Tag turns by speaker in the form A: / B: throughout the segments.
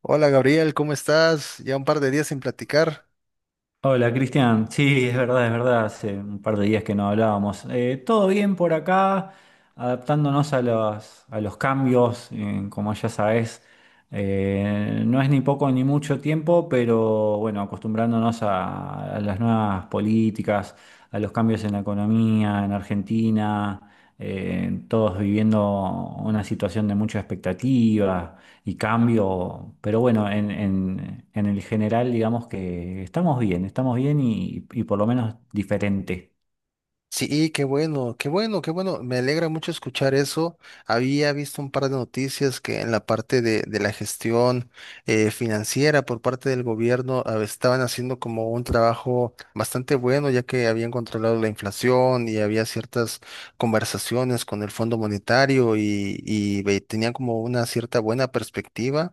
A: Hola Gabriel, ¿cómo estás? Ya un par de días sin platicar.
B: Hola Cristian, sí, es verdad, hace un par de días que no hablábamos. Todo bien por acá, adaptándonos a a los cambios, como ya sabes, no es ni poco ni mucho tiempo, pero bueno, acostumbrándonos a las nuevas políticas, a los cambios en la economía, en Argentina, todos viviendo una situación de mucha expectativa y cambio, pero bueno, en el general digamos que estamos bien, estamos bien y por lo menos diferente.
A: Sí, qué bueno, qué bueno, qué bueno. Me alegra mucho escuchar eso. Había visto un par de noticias que en la parte de la gestión financiera por parte del gobierno estaban haciendo como un trabajo bastante bueno, ya que habían controlado la inflación y había ciertas conversaciones con el Fondo Monetario y tenían como una cierta buena perspectiva.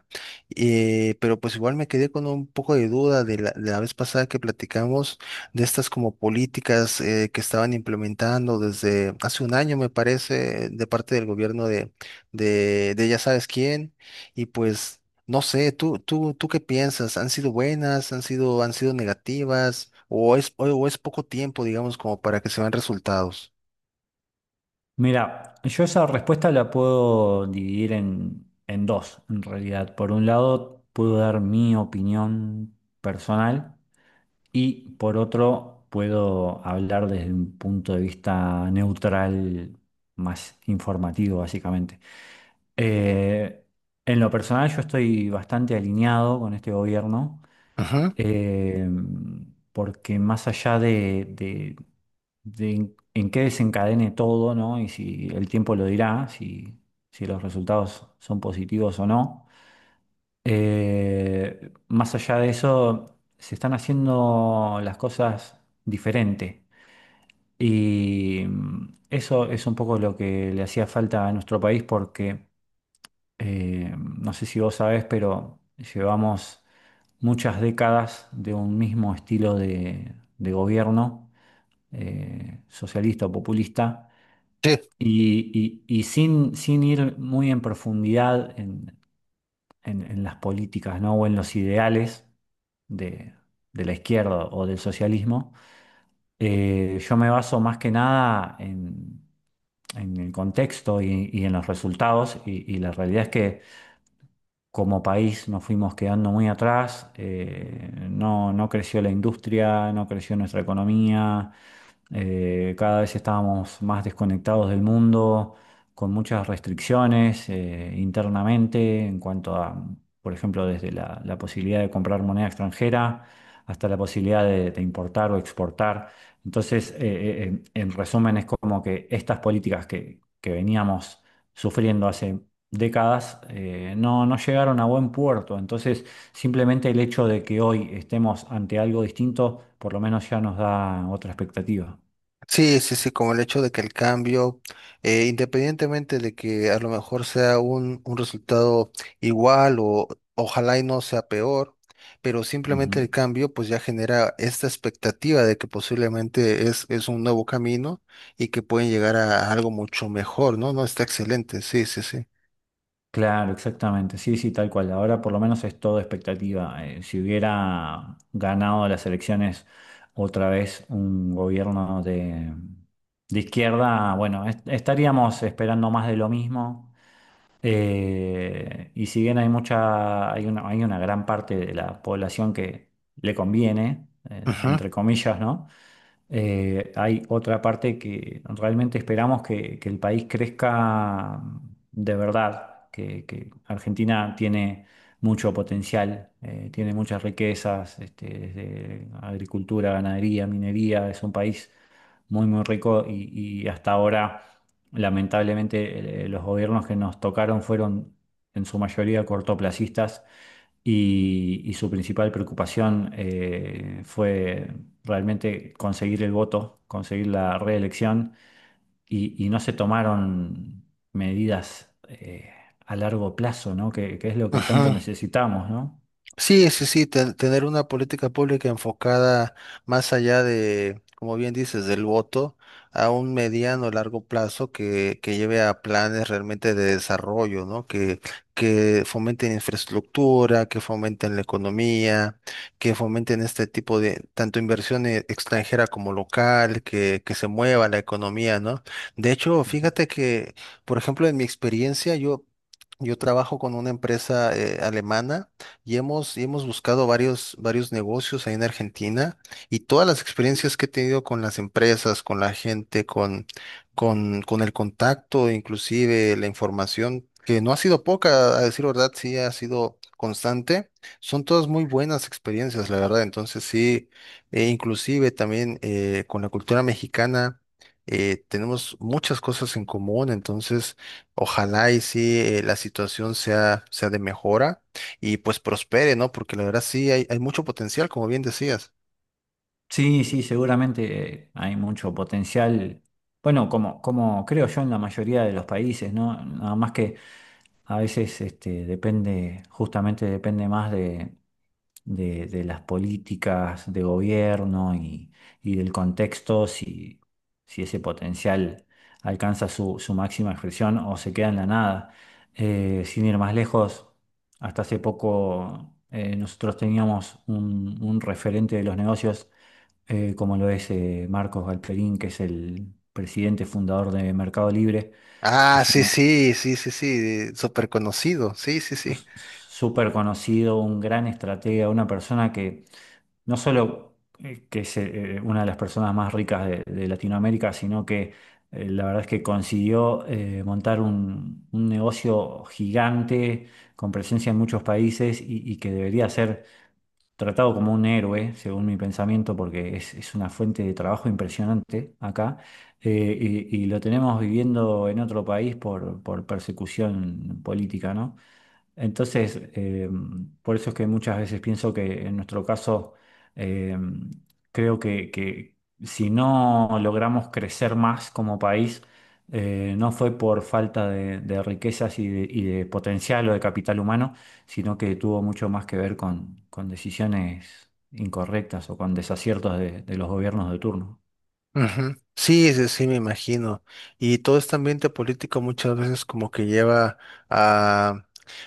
A: Pero pues igual me quedé con un poco de duda de la vez pasada que platicamos de estas como políticas que estaban implementando desde hace un año, me parece, de parte del gobierno de ya sabes quién, y pues no sé, ¿tú qué piensas? ¿Han sido buenas? ¿Han sido negativas? ¿O es, o es poco tiempo, digamos, como para que se vean resultados?
B: Mira, yo esa respuesta la puedo dividir en dos, en realidad. Por un lado, puedo dar mi opinión personal. Y por otro, puedo hablar desde un punto de vista neutral, más informativo, básicamente. Eh, en lo personal, yo estoy bastante alineado con este gobierno,
A: Ujú.
B: eh, porque más allá de en qué desencadene todo, ¿no? Y si el tiempo lo dirá, si los resultados son positivos o no. Más allá de eso, se están haciendo las cosas diferente. Y eso es un poco lo que le hacía falta a nuestro país porque, no sé si vos sabés, pero llevamos muchas décadas de un mismo estilo de gobierno, socialista o populista.
A: Sí.
B: Y sin ir muy en profundidad en las políticas, ¿no? O en los ideales de, de la izquierda o del socialismo. Yo me baso más que nada en el contexto y en los resultados y la realidad es que como país nos fuimos quedando muy atrás, no creció la industria, no creció nuestra economía, cada vez estábamos más desconectados del mundo, con muchas restricciones internamente en cuanto a, por ejemplo, desde la posibilidad de comprar moneda extranjera hasta la posibilidad de importar o exportar. Entonces, en resumen, es como que estas políticas que veníamos sufriendo hace décadas no llegaron a buen puerto. Entonces, simplemente el hecho de que hoy estemos ante algo distinto, por lo menos ya nos da otra expectativa.
A: Sí, sí, sí, como el hecho de que el cambio, independientemente de que a lo mejor sea un resultado igual o ojalá y no sea peor, pero
B: Ujú.
A: simplemente el cambio pues ya genera esta expectativa de que posiblemente es un nuevo camino y que pueden llegar a algo mucho mejor, ¿no? No, está excelente, sí, sí, sí.
B: Claro, exactamente. Sí, sí, tal cual. Ahora por lo menos es todo expectativa. Si hubiera ganado las elecciones otra vez un gobierno de izquierda, bueno, estaríamos esperando más de lo mismo. Y si bien hay hay una gran parte de la población que le conviene,
A: Ajá,
B: entre comillas, ¿no? Hay otra parte que realmente esperamos que el país crezca de verdad, que Argentina tiene mucho potencial, tiene muchas riquezas, este, desde agricultura, ganadería, minería, es un país muy, muy rico y hasta ahora, lamentablemente, los gobiernos que nos tocaron fueron en su mayoría cortoplacistas y su principal preocupación fue realmente conseguir el voto, conseguir la reelección y no se tomaron medidas a largo plazo, ¿no? Que es lo que tanto
A: ajá.
B: necesitamos, ¿no?
A: Sí, sí, sí, tener una política pública enfocada más allá de, como bien dices, del voto, a un mediano o largo plazo que lleve a planes realmente de desarrollo, ¿no? Que fomenten infraestructura, que fomenten la economía, que fomenten este tipo de, tanto inversión extranjera como local, que se mueva la economía, ¿no? De hecho,
B: Ujú.
A: fíjate que, por ejemplo, en mi experiencia, yo trabajo con una empresa alemana y hemos buscado varios negocios ahí en Argentina y todas las experiencias que he tenido con las empresas, con la gente, con el contacto, inclusive la información, que no ha sido poca, a decir verdad, sí ha sido constante, son todas muy buenas experiencias, la verdad. Entonces sí, e inclusive también con la cultura mexicana. Tenemos muchas cosas en común, entonces ojalá y sí la situación sea, sea de mejora y pues prospere, ¿no? Porque la verdad sí hay mucho potencial, como bien decías.
B: Sí, sí, seguramente hay mucho potencial. Bueno, como creo yo en la mayoría de los países, ¿no? Nada más que a veces este, depende, justamente depende más de las políticas de gobierno y del contexto, si, si ese potencial alcanza su máxima expresión o se queda en la nada. Sin ir más lejos, hasta hace poco nosotros teníamos un referente de los negocios, como lo es Marcos Galperín, que es el presidente fundador de Mercado Libre, que
A: Ah,
B: es
A: sí,
B: una...
A: sí, sí, sí, sí, súper conocido, sí, sí, sí.
B: s- súper conocido, un gran estratega, una persona que no solo que es una de las personas más ricas de Latinoamérica, sino que la verdad es que consiguió montar un negocio gigante con presencia en muchos países y que debería ser tratado como un héroe, según mi pensamiento, porque es una fuente de trabajo impresionante acá. eh, y lo tenemos viviendo en otro país por persecución política, ¿no? Entonces, por eso es que muchas veces pienso que en nuestro caso, eh, que si no logramos crecer más como país, no fue por falta de riquezas y y de potencial o de capital humano, sino que tuvo mucho más que ver con decisiones incorrectas o con desaciertos de los gobiernos de turno.
A: Ujú. Sí, sí, sí, me imagino. Y todo este ambiente político muchas veces como que lleva a,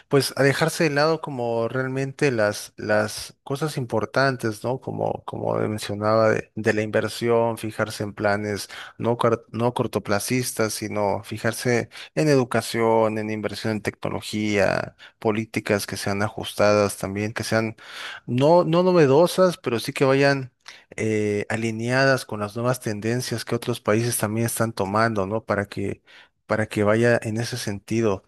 A: pues, a dejarse de lado como realmente las cosas importantes, ¿no? Como, como mencionaba, de la inversión, fijarse en planes no, no cortoplacistas, sino fijarse en educación, en inversión en tecnología, políticas que sean ajustadas también, que sean no, no novedosas, pero sí que vayan alineadas con las nuevas tendencias que otros países también están tomando, ¿no? Para que vaya en ese sentido.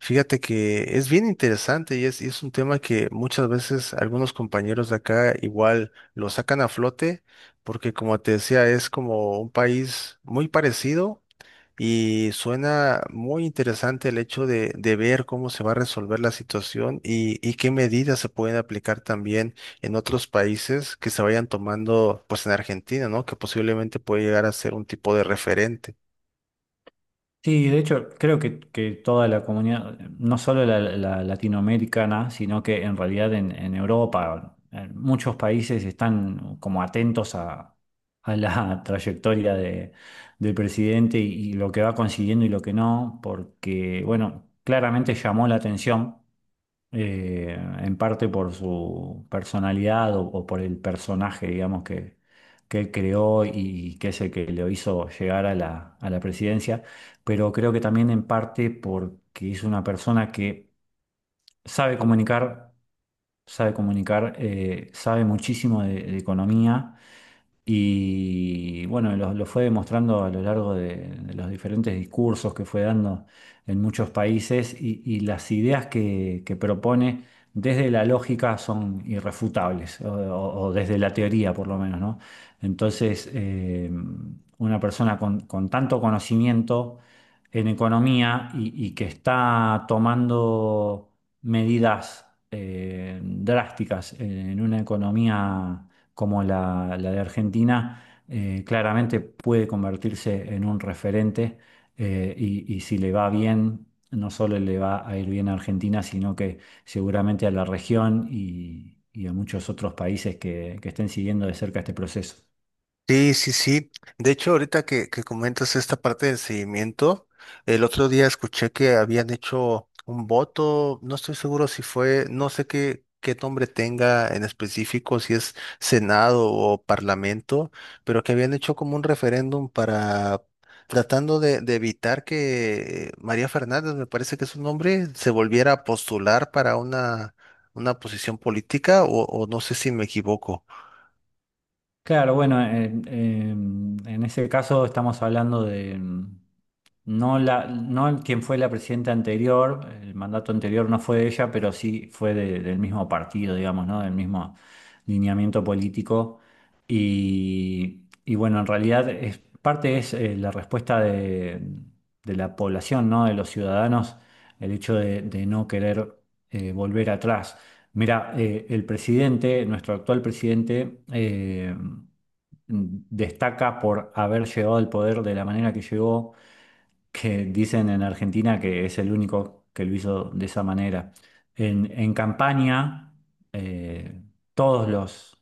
A: Fíjate que es bien interesante y y es un tema que muchas veces algunos compañeros de acá igual lo sacan a flote, porque como te decía, es como un país muy parecido. Y suena muy interesante el hecho de ver cómo se va a resolver la situación y qué medidas se pueden aplicar también en otros países que se vayan tomando, pues en Argentina, ¿no? Que posiblemente puede llegar a ser un tipo de referente.
B: Sí, de hecho, creo que toda la comunidad, no solo la latinoamericana, sino que en realidad en Europa, en muchos países están como atentos a la trayectoria de, del presidente y lo que va consiguiendo y lo que no, porque, bueno, claramente llamó la atención en parte por su personalidad o por el personaje, digamos, que él creó y que es el que lo hizo llegar a a la presidencia, pero creo que también en parte porque es una persona que sabe comunicar, sabe comunicar, sabe muchísimo de economía y bueno, lo fue demostrando a lo largo de los diferentes discursos que fue dando en muchos países y las ideas que propone desde la lógica son irrefutables, o desde la teoría por lo menos, ¿no? Entonces, una persona con tanto conocimiento en economía y que está tomando medidas drásticas en una economía como la de Argentina, claramente puede convertirse en un referente y si le va bien, no solo le va a ir bien a Argentina, sino que seguramente a la región y a muchos otros países que estén siguiendo de cerca este proceso.
A: Sí, sí, sí. De hecho, ahorita que comentas esta parte del seguimiento, el otro día escuché que habían hecho un voto, no estoy seguro si fue, no sé qué, qué nombre tenga en específico, si es Senado o Parlamento, pero que habían hecho como un referéndum para tratando de evitar que María Fernández, me parece que es su nombre, se volviera a postular para una posición política o no sé si me equivoco.
B: Claro, bueno, en ese caso estamos hablando de... No la, no quien fue la presidenta anterior, el mandato anterior no fue de ella, pero sí fue del mismo partido, digamos, ¿no? Del mismo lineamiento político. Y bueno, en realidad es, parte es la respuesta de la población, ¿no? De los ciudadanos, el hecho de no querer volver atrás. Mira, el presidente, nuestro actual presidente, destaca por haber llegado al poder de la manera que llegó, que dicen en Argentina que es el único que lo hizo de esa manera. En campaña, eh, todos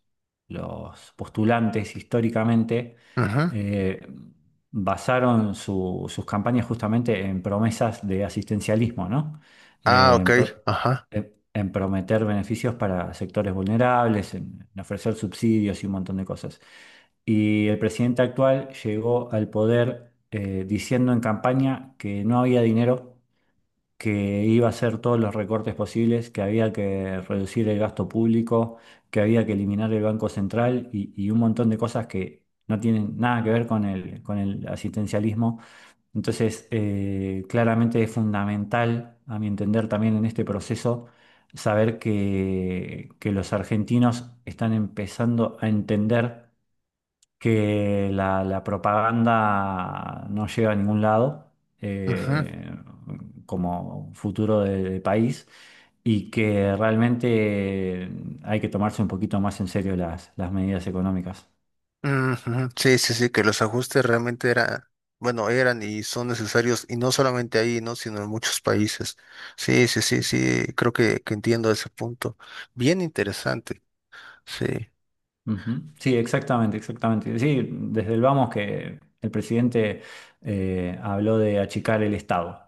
B: los postulantes históricamente
A: Ujú.
B: eh, basaron sus campañas justamente en promesas de asistencialismo, ¿no?
A: Ah,
B: Eh,
A: ok,
B: en, pro-
A: ajá.
B: en prometer beneficios para sectores vulnerables, en ofrecer subsidios y un montón de cosas. Y el presidente actual llegó al poder diciendo en campaña que no había dinero, que iba a hacer todos los recortes posibles, que había que reducir el gasto público, que había que eliminar el Banco Central y un montón de cosas que no tienen nada que ver con con el asistencialismo. Entonces, claramente es fundamental, a mi entender, también en este proceso, saber que los argentinos están empezando a entender que la propaganda no llega a ningún lado
A: Ujú,
B: eh, como futuro del país y que realmente hay que tomarse un poquito más en serio las medidas económicas.
A: ujú. Sí, sí, sí, que los ajustes realmente eran, bueno, eran y son necesarios, y no solamente ahí, ¿no? Sino en muchos países. Sí, sí, sí, sí, creo que entiendo ese punto. Bien interesante, sí.
B: Ujú. Sí, exactamente, exactamente. Sí, desde el vamos que el presidente habló de achicar el Estado.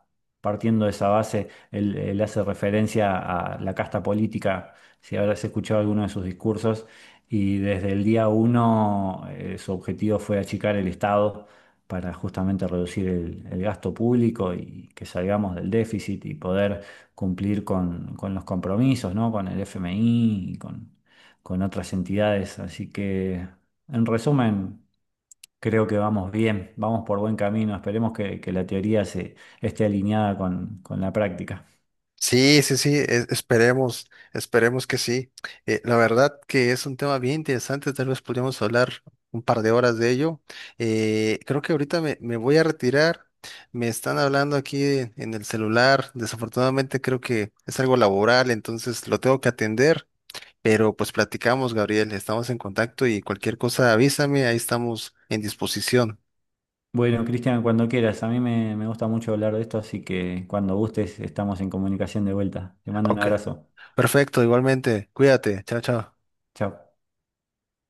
B: Partiendo de esa base, él hace referencia a la casta política, si habrás escuchado alguno de sus discursos, y desde el día uno su objetivo fue achicar el Estado para justamente reducir el gasto público y que salgamos del déficit y poder cumplir con los compromisos, ¿no? Con el FMI y con otras entidades. Así que, en resumen, creo que vamos bien, vamos por buen camino. Esperemos que la teoría se esté alineada con la práctica.
A: Sí, sí, sí, esperemos, esperemos que sí. La verdad que es un tema bien interesante, tal vez podríamos hablar un par de horas de ello. Creo que ahorita me voy a retirar, me están hablando aquí en el celular, desafortunadamente creo que es algo laboral, entonces lo tengo que atender, pero pues platicamos, Gabriel, estamos en contacto y cualquier cosa avísame, ahí estamos en disposición.
B: Bueno, Cristian, cuando quieras, a mí me gusta mucho hablar de esto, así que cuando gustes estamos en comunicación de vuelta. Te mando un
A: Ok.
B: abrazo.
A: Perfecto, igualmente, cuídate, chao, chao.
B: Chao.